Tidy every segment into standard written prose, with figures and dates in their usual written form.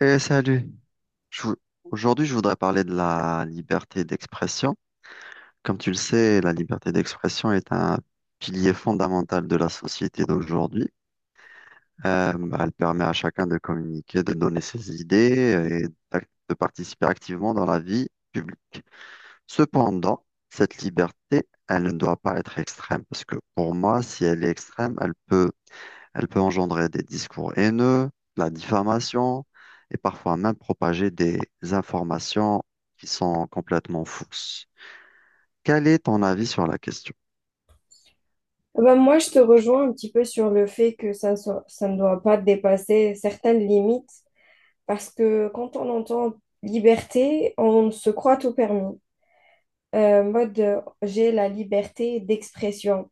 Eh, salut. Je vou- Aujourd'hui, je voudrais parler de la liberté d'expression. Comme tu le sais, la liberté d'expression est un pilier fondamental de la société d'aujourd'hui. Bah, elle permet à chacun de communiquer, de donner ses idées et de participer activement dans la vie publique. Cependant, cette liberté, elle ne doit pas être extrême parce que pour moi, si elle est extrême, elle peut engendrer des discours haineux, de la diffamation et parfois même propager des informations qui sont complètement fausses. Quel est ton avis sur la question? Ah bah, moi, je te rejoins un petit peu sur le fait que ça ne doit pas dépasser certaines limites parce que quand on entend liberté, on se croit tout permis. Mode, j'ai la liberté d'expression.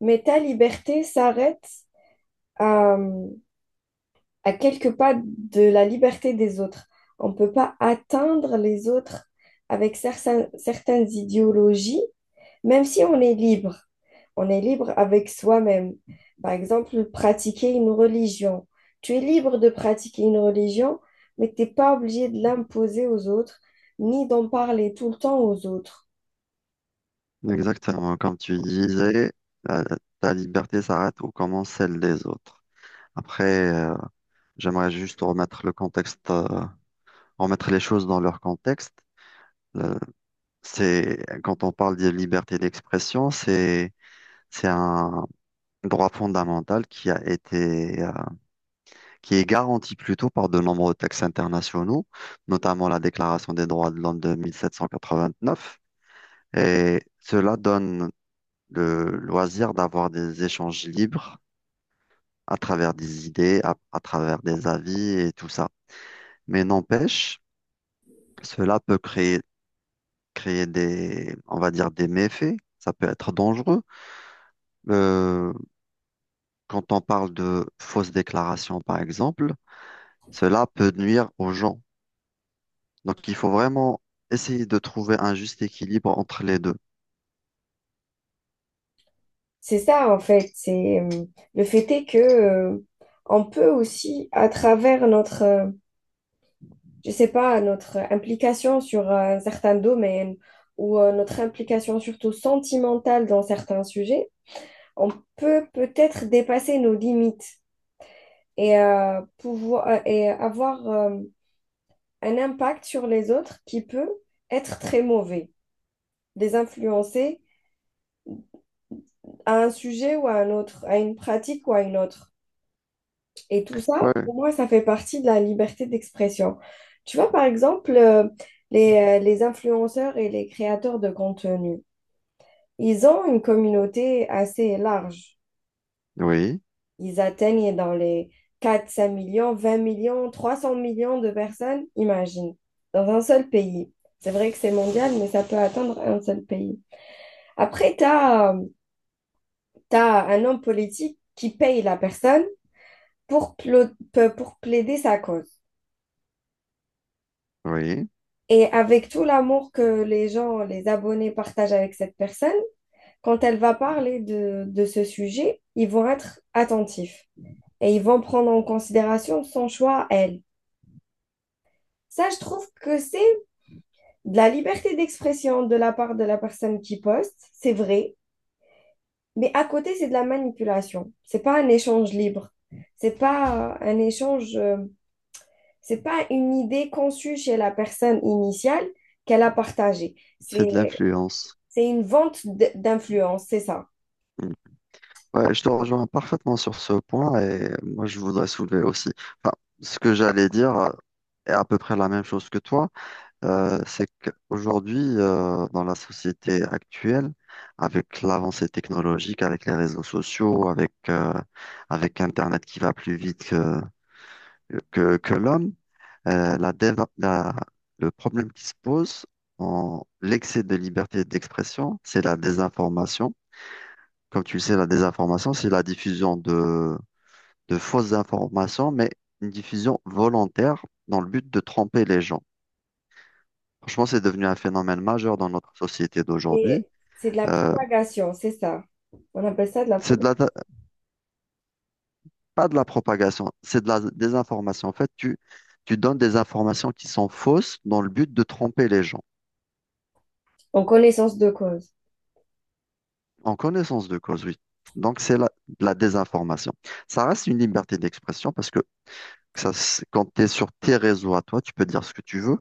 Mais ta liberté s'arrête à, à quelques pas de la liberté des autres. On ne peut pas atteindre les autres avec certaines idéologies. Même si on est libre, on est libre avec soi-même. Par exemple, pratiquer une religion. Tu es libre de pratiquer une religion, mais tu n'es pas obligé de l'imposer aux autres, ni d'en parler tout le temps aux autres. Exactement, comme tu disais, la- ta liberté s'arrête où commence celle des autres. Après, j'aimerais juste remettre le contexte, remettre les choses dans leur contexte. Euh, c'est, quand on parle de liberté d'expression, c'est un droit fondamental qui a été qui est garantie plutôt par de nombreux textes internationaux, notamment la Déclaration des droits de l'homme de 1789. Et cela donne le loisir d'avoir des échanges libres à travers des idées, à travers des avis et tout ça. Mais n'empêche, cela peut créer des, on va dire, des méfaits. Ça peut être dangereux. Euh, quand on parle de fausses déclarations, par exemple, cela peut nuire aux gens. Donc, il faut vraiment essayer de trouver un juste équilibre entre les deux. C'est ça, en fait. C'est Le fait est que on peut aussi, à travers je sais pas, notre implication sur un certain domaine ou notre implication surtout sentimentale dans certains sujets, on peut peut-être dépasser nos limites et avoir un impact sur les autres qui peut être très mauvais, les influencer à un sujet ou à un autre, à une pratique ou à une autre. Et tout ça, Ouais. pour moi, ça fait partie de la liberté d'expression. Tu vois, par exemple, les influenceurs et les créateurs de contenu, ils ont une communauté assez large. Oui, Ils atteignent dans les 4, 5 millions, 20 millions, 300 millions de personnes, imagine, dans un seul pays. C'est vrai que c'est mondial, mais ça peut atteindre un seul pays. Après, un homme politique qui paye la personne pour, plo- pour plaider sa cause. oui, Et avec tout l'amour que les abonnés partagent avec cette personne, quand elle va parler de ce sujet, ils vont être attentifs et ils vont prendre en considération son choix à elle. Ça, je trouve que c'est de la liberté d'expression de la part de la personne qui poste, c'est vrai, mais à côté, c'est de la manipulation. C'est pas un échange libre. C'est pas euh, un échange, euh, c'est pas une idée conçue chez la personne initiale qu'elle a partagée. c'est de l'influence. C'est une vente d'influence, c'est ça. Mm. Ouais, je te rejoins parfaitement sur ce point et moi, je voudrais soulever aussi. Enfin, ce que j'allais dire est à peu près la même chose que toi. C'est qu'aujourd'hui, dans la société actuelle, avec l'avancée technologique, avec les réseaux sociaux, avec Internet qui va plus vite que, que l'homme. Euh, la déva- la- le problème qui se pose en l'excès de liberté d'expression, c'est la désinformation. Comme tu le sais, la désinformation, c'est la diffusion de fausses informations, mais une diffusion volontaire dans le but de tromper les gens. Franchement, c'est devenu un phénomène majeur dans notre société d'aujourd'hui. Et c'est de la Euh, propagation, c'est ça. On appelle ça de la c'est de propagation. la, pas de la propagation, c'est de la désinformation. En fait, tu donnes des informations qui sont fausses dans le but de tromper les gens. En connaissance de cause. En connaissance de cause, oui. Donc, c'est la désinformation. Ça reste une liberté d'expression parce que quand tu es sur tes réseaux à toi, tu peux dire ce que tu veux,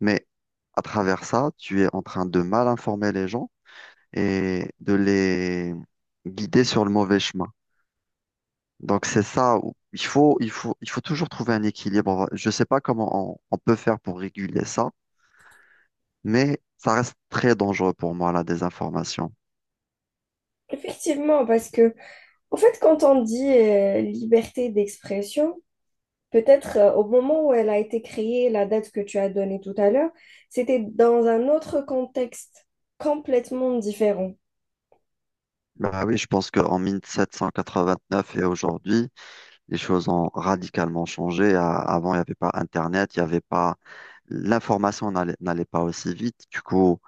mais à travers ça, tu es en train de mal informer les gens et de les guider sur le mauvais chemin. Donc, c'est ça où il faut toujours trouver un équilibre. Je ne sais pas comment on peut faire pour réguler ça. Mais ça reste très dangereux pour moi, la désinformation. Effectivement, parce que en fait, quand on dit liberté d'expression, peut-être au moment où elle a été créée, la date que tu as donnée tout à l'heure, c'était dans un autre contexte complètement différent. Bah oui, je pense qu'en neuf et aujourd'hui, les choses ont radicalement changé. Avant, il n'y avait pas Internet, il n'y avait pas, l'information n'allait pas aussi vite. Du coup,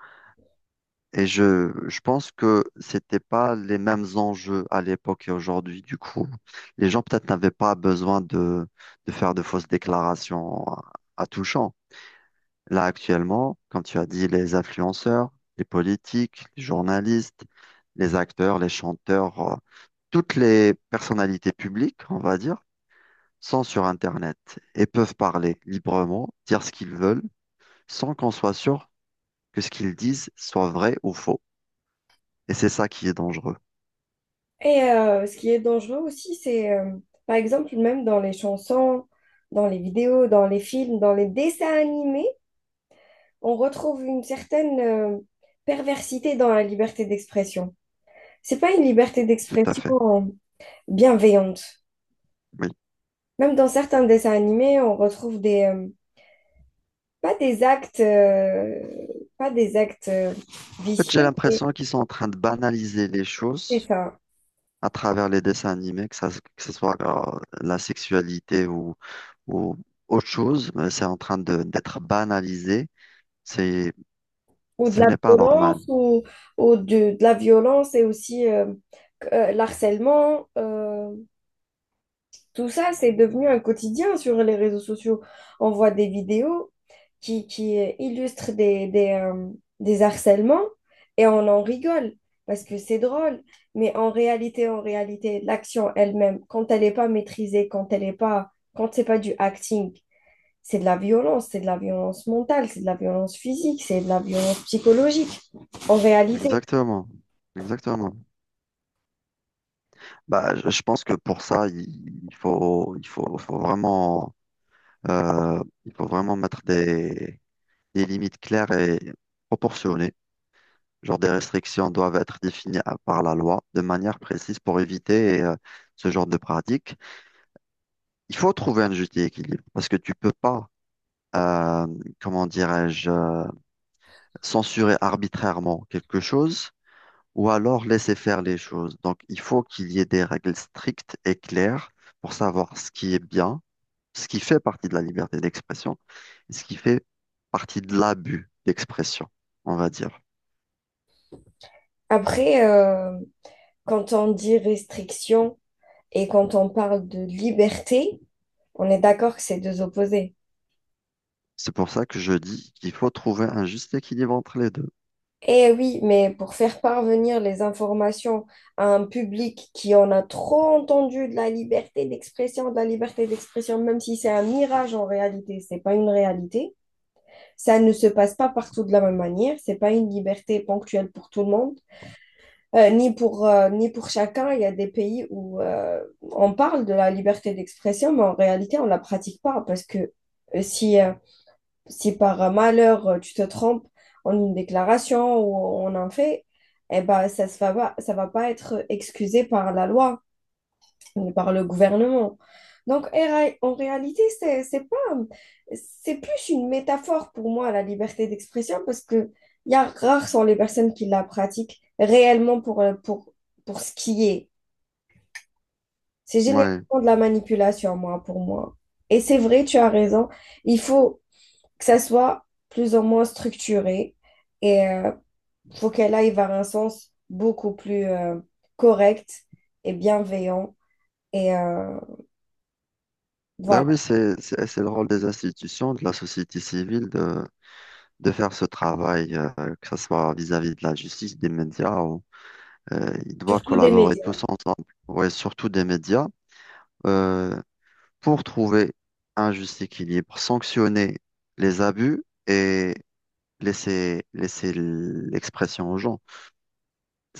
et je pense que c'était pas les mêmes enjeux à l'époque et aujourd'hui. Du coup, les gens peut-être n'avaient pas besoin de faire de fausses déclarations à tout champ. Là, actuellement, quand tu as dit les influenceurs, les politiques, les journalistes, les acteurs, les chanteurs, toutes les personnalités publiques, on va dire, sont sur Internet et peuvent parler librement, dire ce qu'ils veulent, sans qu'on soit sûr que ce qu'ils disent soit vrai ou faux. Et c'est ça qui est dangereux. Et ce qui est dangereux aussi, c'est par exemple même dans les chansons, dans les vidéos, dans les films, dans les dessins animés, on retrouve une certaine perversité dans la liberté d'expression. C'est pas une liberté Tout à d'expression fait. Bienveillante. Oui. Même dans certains dessins animés, on retrouve des, pas des actes, pas des actes En fait, vicieux, j'ai mais l'impression qu'ils sont en train de banaliser les c'est choses ça. à travers les dessins animés, que ça, que ce soit la sexualité ou, ou autre chose, mais c'est en train d'être banalisé. C'est, Ou de ce la n'est pas normal. violence, ou, ou de la violence et aussi l'harcèlement. Tout ça, c'est devenu un quotidien sur les réseaux sociaux. On voit des vidéos qui illustrent des harcèlements et on en rigole parce que c'est drôle. Mais en réalité, l'action elle-même, quand elle n'est pas maîtrisée, quand c'est pas du acting, c'est de la violence, c'est de la violence mentale, c'est de la violence physique, c'est de la violence psychologique. En réalité, Exactement. Exactement. Bah, je pense que pour ça, il faut, il faut, faut vraiment, il faut vraiment mettre des limites claires et proportionnées. Genre des restrictions doivent être définies par la loi de manière précise pour éviter ce genre de pratique. Il faut trouver un juste équilibre parce que tu peux pas, euh, comment dirais-je, censurer arbitrairement quelque chose ou alors laisser faire les choses. Donc il faut qu'il y ait des règles strictes et claires pour savoir ce qui est bien, ce qui fait partie de la liberté d'expression et ce qui fait partie de l'abus d'expression, on va dire. après, quand on dit restriction, et quand on parle de liberté, on est d'accord que c'est deux opposés. C'est pour ça que je dis qu'il faut trouver un juste équilibre entre les deux. Eh oui, mais pour faire parvenir les informations à un public qui en a trop entendu de la liberté d'expression, même si c'est un mirage en réalité, c'est pas une réalité, ça ne se passe pas partout de la même manière, c'est pas une liberté ponctuelle pour tout le monde, ni pour chacun. Il y a des pays où on parle de la liberté d'expression, mais en réalité, on la pratique pas parce que euh, si euh, si par malheur tu te trompes en une déclaration ou en un fait, eh ben, ça va pas être excusé par la loi ni par le gouvernement. Donc, en réalité, c'est pas, c'est plus une métaphore pour moi, la liberté d'expression, parce que il y a rares sont les personnes qui la pratiquent réellement pour ce qui est. C'est généralement Ouais. de la manipulation, moi, pour moi. Et c'est vrai, tu as raison. Il faut que ça soit plus ou moins structuré et faut qu'elle aille vers un sens beaucoup plus correct et bienveillant. Et Ben voilà. oui, c'est le rôle des institutions, de la société civile de faire ce travail, que ce soit vis-à-vis de la justice, des médias, ou, ils doivent Surtout des collaborer médias. tous ensemble, ouais, surtout des médias, euh, pour trouver un juste équilibre, sanctionner les abus et laisser l'expression aux gens.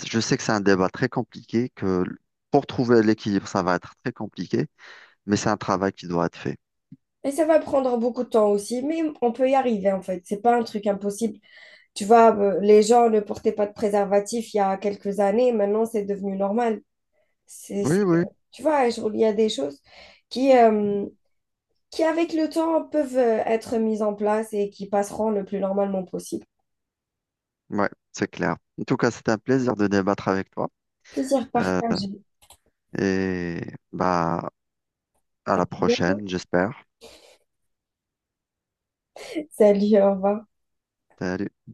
Je sais que c'est un débat très compliqué, que pour trouver l'équilibre, ça va être très compliqué. Mais c'est un travail qui doit être fait. Et ça va prendre beaucoup de temps aussi, mais on peut y arriver en fait. C'est pas un truc impossible. Tu vois, les gens ne portaient pas de préservatif il y a quelques années. Maintenant, c'est devenu normal. C'est, c'est- Oui, oui, Tu vois, il y a des choses qui, euh, qui, avec le temps, peuvent être mises en place et qui passeront le plus normalement possible. ouais, c'est clair. En tout cas, c'est un plaisir de débattre avec toi. Plaisir Euh, partagé. et bah, à la prochaine, j'espère. Salut, au revoir. Salut.